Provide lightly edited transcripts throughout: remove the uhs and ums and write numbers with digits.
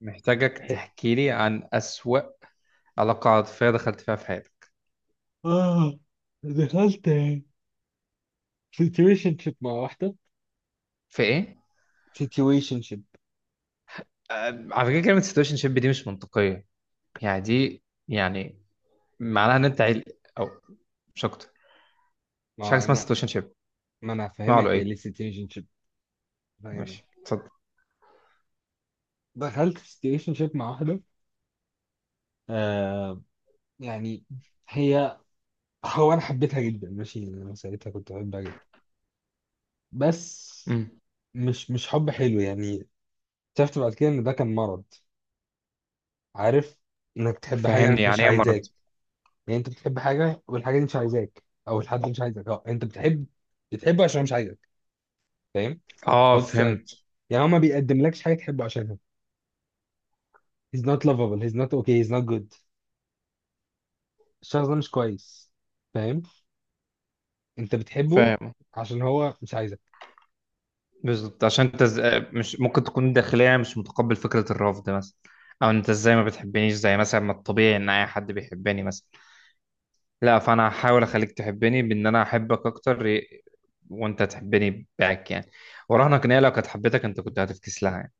محتاجك تحكي لي عن أسوأ علاقة عاطفية دخلت فيها في حياتك. اه دخلت سيتويشن شيب مع واحدة. في إيه؟ سيتويشن شيب. آه، على فكرة كلمة سيتويشن شيب دي مش منطقية. يعني دي، يعني معناها إن أنت عيل أو مش أكتر. مش حاجة ما اسمها انا سيتويشن شيب. ما انا اسمها فاهمك، له إيه؟ هي ليه سيتويشن شيب. فاهمك. ماشي، اتفضل. دخلت سيتويشن شيب مع واحدة. آه، يعني هي هو انا حبيتها جدا، ماشي، يعني انا ساعتها كنت بحبها جدا، بس أمم. مش حب حلو يعني. اكتشفت بعد كده ان ده كان مرض. عارف، انك تحب حاجة فهمني، مش يعني إيه مرض؟ عايزاك. يعني انت بتحب حاجة والحاجة دي مش عايزاك او الحد مش عايزك، اه، انت بتحبه عشان مش عايزك. فاهم، آه، او تستقبل، فهمت. يعني هو ما بيقدملكش حاجه تحبه عشانها. he's not lovable، he's not okay، he's not good. الشخص ده مش كويس، فاهم، انت بتحبه فاهم. عشان هو مش عايزك. بالظبط، عشان أنت ز... آه، مش ممكن تكون داخليا مش متقبل فكرة الرفض مثلا. أو أنت إزاي ما بتحبنيش، زي مثلا ما الطبيعي إن أي حد بيحبني مثلا. لا، فانا هحاول اخليك تحبني بان انا احبك اكتر وانت تحبني باك يعني. وراهنك ان هي لو كانت حبيتك انت كنت هتفكس لها يعني.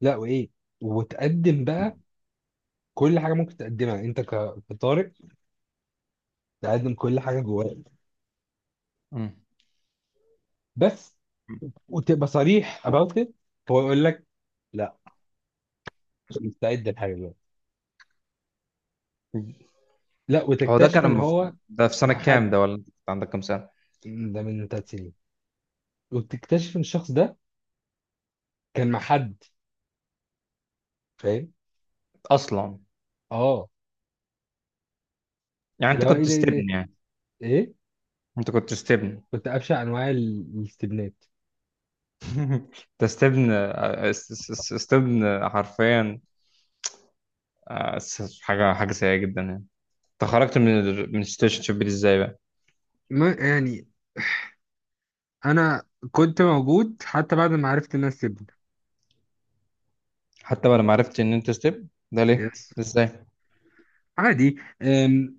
لا، وايه، وتقدم بقى كل حاجه ممكن تقدمها انت كطارق، تقدم كل حاجه جواك، بس، وتبقى صريح about it. هو يقول لك لا، مش مستعد لحاجه دلوقتي. مم. لا، هو ده وتكتشف كان ان هو ده في سنة مع حد. كام ده، ولا انت كنت عندك كام سنة؟ ده من 3 سنين، وتكتشف ان الشخص ده كان مع حد، فاهم. اصلا، اه. يعني اللي انت هو ايه كنت ده ايه ده، استبن يعني. ايه. انت كنت استبن. كنت أبشع أنواع الاستبنات. انت استبن، استبن حرفيا. حاجة حاجة سيئة جدا يعني. انت خرجت من من السيتويشن شيب دي ازاي بقى. ما يعني انا كنت موجود حتى بعد ما عرفت الناس سيبني. حتى بعد ما عرفت ان انت استبن، ده ليه؟ يس. ازاي؟ عادي. أم،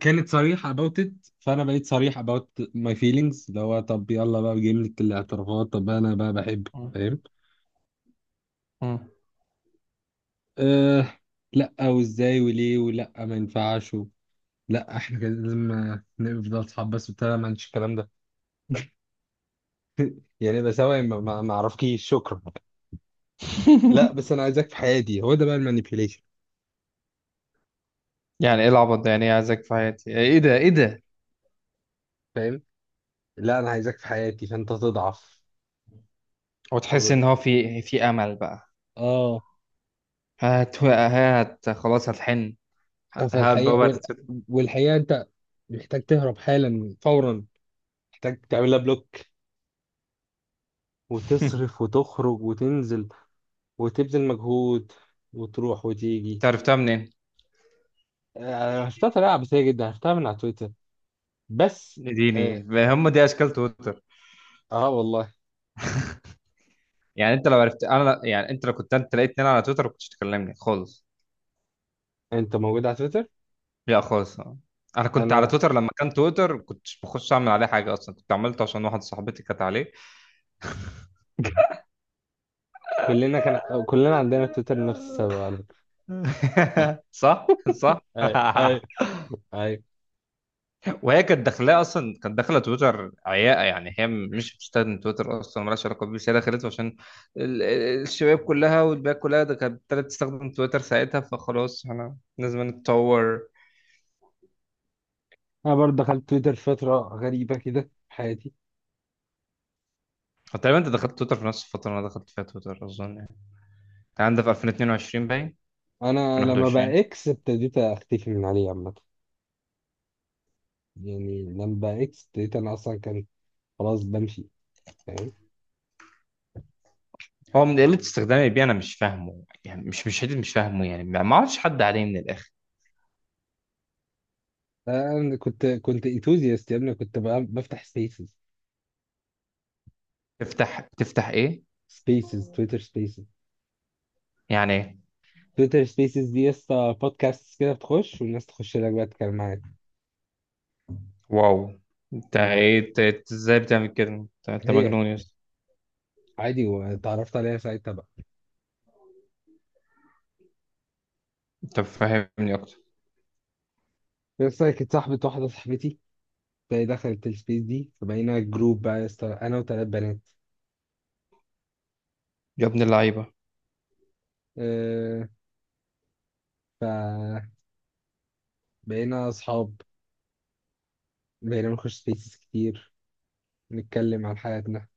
كانت صريحة about it، فانا بقيت صريح about my feelings، اللي هو طب يلا بقى جملة الاعترافات، طب انا بقى بحب. مم. فاهم. مم. أه. لا وازاي وليه ولا ما ينفعش لا احنا كده لازم نفضل اصحاب بس وبتاع، ما عنديش الكلام ده. يعني بسوي ما اعرفكيش، شكرا. لا بس انا عايزك في حياتي، هو ده بقى المانيبيوليشن. يعني ايه العبط ده؟ يعني ايه عايزك في حياتي؟ ايه ده، ايه ده؟ لا انا عايزك في حياتي، فانت تضعف، وتحس تقول ان هو في امل بقى. اه. هات هات، خلاص هتحن. هات فالحقيقة بابا، وال... والحقيقة انت محتاج تهرب حالا فورا، محتاج تعملها بلوك، وتصرف وتخرج وتنزل، وتبذل مجهود، وتروح وتيجي. انت عرفتها منين؟ عرفتها طريقة عبثية جدا، عرفتها من على تويتر بس. اديني. اه. هم، دي اشكال تويتر. آه والله. يعني انت لو عرفت انا، يعني انت لو كنت انت لقيتني انا على تويتر ما كنتش تكلمني خالص. انت موجود على تويتر. لا، خالص. انا كنت على انا تويتر لما كان تويتر، كنتش بخش اعمل عليه حاجه اصلا، كنت عملته عشان واحد صاحبتي كانت عليه. كلنا كان، كلنا عندنا تويتر لنفس السبب على فكرة. صح، صح. اي اي اي. وهي كانت داخلاه اصلا، كانت داخله تويتر عياقه، يعني هي مش بتستخدم تويتر اصلا، مالهاش علاقه بيه، بس هي دخلته عشان الشباب كلها والباقي كلها ده كانت ابتدت تستخدم تويتر ساعتها، فخلاص احنا لازم نتطور. انا برضه دخلت تويتر فترة غريبة كده في حياتي. هو تقريبا انت دخلت تويتر في نفس الفتره اللي انا دخلت فيها تويتر اظن يعني. انت عندك في 2022 باين. انا لما 2021. بقى اكس ابتديت اختفي من عليه عامه، يعني لما بقى اكس ابتديت انا اصلا كان خلاص بمشي، فاهم. هو من قله استخدامي بيه انا مش فاهمه، يعني مش حته مش فاهمه يعني، ما اعرفش حد عليه من الاخر. انا كنت انثوزياست يا ابني، كنت بقى بفتح سبيسز تفتح ايه؟ سبيسز تويتر سبيسز. يعني ايه؟ تويتر سبيسز دي يا اسطى بودكاست كده، بتخش والناس تخش لك بقى تتكلم معاك. واو. انت مم. ايه؟ إنت ازاي بتعمل كده؟ أنت هي مجنون يا. عادي، واتعرفت عليها ساعتها بقى طب فهمني اكتر. يا اسطى. كانت صاحبة واحدة صاحبتي، فهي دخلت السبيس دي، فبقينا جروب بقى يا اسطى انا وثلاث بنات. يا ابن اللعيبه. أه. فبقينا اصحاب، بقينا نخش سبيسز كتير، نتكلم عن حياتنا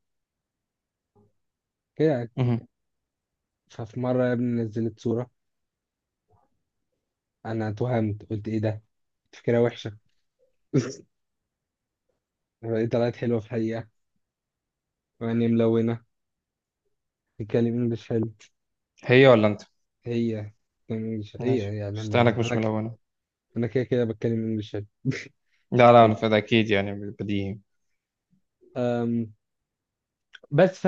كده يعني. مهم. ففي مرة يا ابني نزلت صورة. أنا اتوهمت قلت إيه ده؟ فكرة وحشة. لقيت طلعت حلوة في الحقيقة، وعيني ملونة، بتتكلم إنجلش حلو. هي ولا انت؟ هي بتتكلم إنجلش، ماشي، هي يعني استناك ملونة. مش ملونه. أنا كده كده بتكلم إنجلش حلو مش لا لا، انا محتاج. فده اكيد يعني. بديهي. أم... بس ف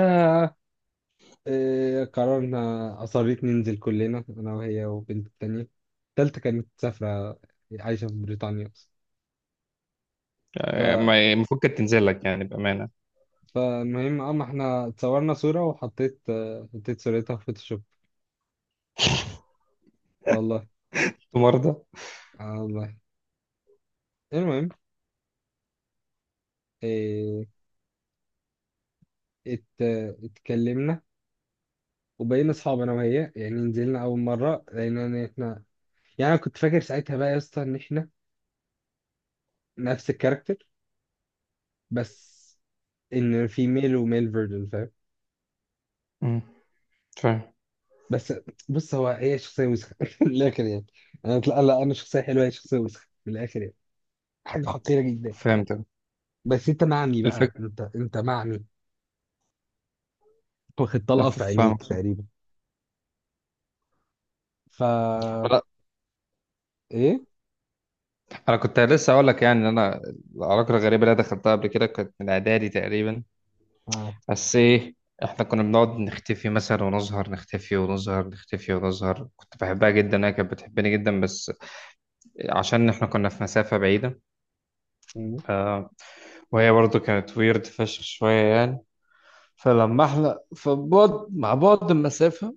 قررنا، أصريت ننزل كلنا أنا وهي وبنت التانية. التالتة كانت مسافرة، عايشة في بريطانيا آه، أصلا. المفروض كانت تنزل لك يعني بامانه. فالمهم، اه، ما احنا اتصورنا صورة، وحطيت، حطيت صورتها في فوتوشوب، والله. أنت مرضى. آه والله. المهم إيه، ات اتكلمنا وبقينا اصحاب انا وهي. يعني نزلنا اول مرة لقينا ان احنا، يعني انا كنت فاكر ساعتها بقى يا اسطى ان احنا نفس الكاركتر، بس ان في ميل وميل فيرجن، فاهم. مم. فاهم. بس بص، هو هي شخصية وسخة من الاخر يعني. انا لا لا، انا شخصية حلوة، هي شخصية وسخة من الاخر يعني، حاجة حقيرة جدا. فهمت. بس انت معمي بقى، الفكره. انت معمي، واخد لا، طلقة في فاهمك. عينيك تقريبا. فا لا، ايه؟ انا كنت لسه اقول لك يعني ان انا العلاقه الغريبه اللي أنا دخلتها قبل كده كانت من اعدادي تقريبا. آه. بس ايه، احنا كنا بنقعد نختفي مثلا ونظهر، نختفي ونظهر، نختفي ونظهر. كنت بحبها جدا، هي كانت بتحبني جدا، بس عشان احنا كنا في مسافه بعيده. مم. آه، وهي برضو كانت ويرد فشخ شوية يعني. فلما احنا، فبعد مع بعد المسافة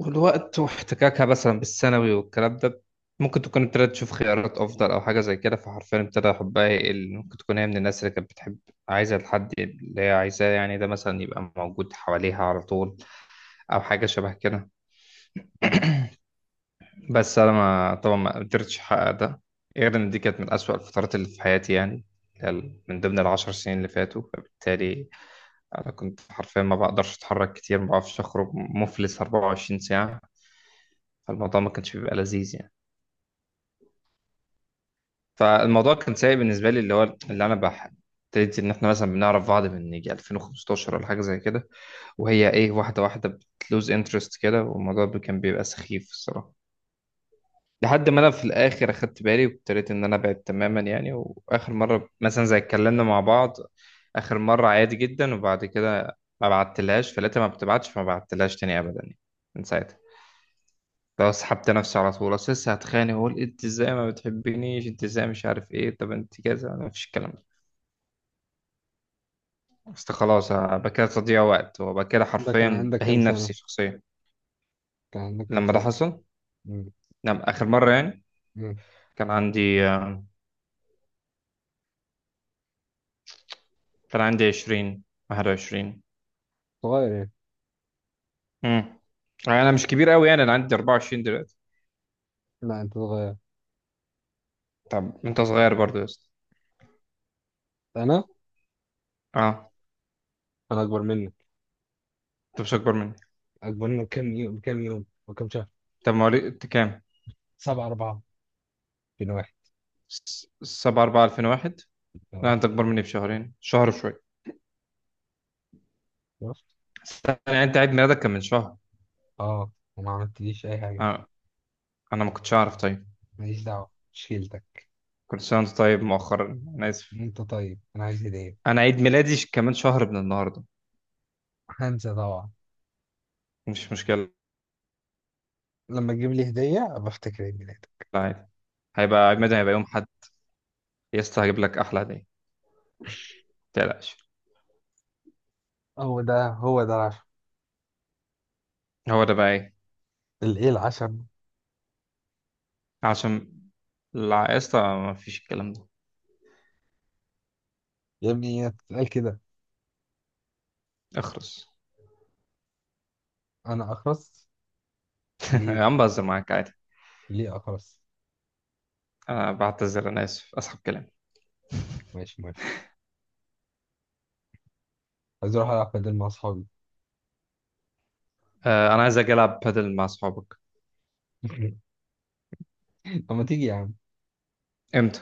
والوقت واحتكاكها مثلا بالثانوي والكلام ده، ممكن تكون ابتدت تشوف خيارات أفضل أو حاجة زي كده، فحرفيا ابتدى حبها يقل. ممكن تكون هي من الناس اللي كانت بتحب عايزة الحد اللي هي عايزاه يعني ده مثلا يبقى موجود حواليها على طول، أو حاجة شبه كده. مم. بس أنا، ما طبعا ما قدرتش أحقق ده، غير إن دي كانت من أسوأ الفترات اللي في حياتي يعني، من ضمن العشر سنين اللي فاتوا. فبالتالي انا كنت حرفيا ما بقدرش اتحرك كتير، ما بعرفش اخرج مفلس 24 ساعه. فالموضوع ما كانش بيبقى لذيذ يعني. فالموضوع كان سيء بالنسبه لي، اللي هو اللي انا بح، ابتديت ان احنا مثلا بنعرف بعض من يجي 2015 ولا حاجه زي كده، وهي ايه، واحده واحده بتلوز انترست كده. والموضوع كان بيبقى سخيف الصراحه. لحد ما انا في الاخر اخدت بالي وابتديت ان انا ابعد تماما يعني. واخر مره مثلا زي اتكلمنا مع بعض، اخر مره عادي جدا، وبعد كده ما بعتلهاش، فلقيتها ما بتبعتش، فما بعتلهاش تاني ابدا يعني. من ساعتها. لو سحبت نفسي على طول، اصل لسه هتخانق واقول انت ازاي ما بتحبنيش، انت ازاي مش عارف ايه، طب انت كذا. ما فيش الكلام ده، اصل خلاص أبقى كده تضييع وقت، وأبقى كده ده كان حرفيا عندك كام بهين سنة؟ نفسي شخصيا. كان عندك كام لما ده سنة؟ حصل، مم. نعم، اخر مره يعني مم. كان عندي، كان عندي 20، 21. صغير يعني. امم انا مش كبير قوي، يعني انا عندي 24 دلوقتي. لا انت صغير. طب انت صغير برضو يا اسطى. انا؟ اه. انا اكبر منك. انت مش اكبر مني. اكبر منك كام يوم، بكام يوم وكام شهر؟ طب مواليد انت كام؟ سبعة أربعة، بين واحد. 7 4 2001. لا، اه. انت اكبر مني بشهرين، شهر وشويه. شفت؟ استنى يعني، انت عيد ميلادك كان من شهر؟ اه، وما عملتليش أي حاجة. آه. انا ما كنتش اعرف، طيب ماليش دعوة، مش شيلتك. كل سنه وانت طيب مؤخرا، انا اسف. انت طيب، انا عايز هدية. انا عيد ميلادي كمان شهر من النهارده. هنسى طبعا. مش مشكله. لما تجيب لي هدية أبقى أفتكر عيد ميلادك. عادي. هيبقى عيد ميلادي، هيبقى يوم حد. يا اسطى، هجيب لك احلى هديه، ما تقلقش. هو ده العشم. هو ده بقى ايه؟ الايه العشم. عشان، لا يا اسطى ما فيش الكلام ده. يا ابني هي بتتقال كده. اخرس. انا اخرس؟ يا ليه، عم، بهزر معاك عادي. خلاص. أنا بعتذر، أنا آسف، أسحب كلامي. ماشي ماشي. عايز اروح العب بدل مع اصحابي. أنا عايز أجي ألعب بادل مع أصحابك. طب ما تيجي يا عم. إمتى؟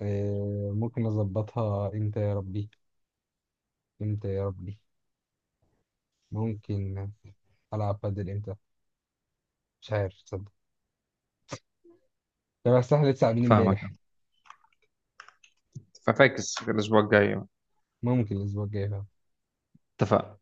ممكن اظبطها امتى يا ربي، امتى يا ربي؟ ممكن العب بادل امتى، مش عارف تصدق. طب اصل احنا لسه قاعدين فاهمك. امبارح. ففاكس الأسبوع الجاي. ممكن الاسبوع الجاي فعلا. اتفقنا.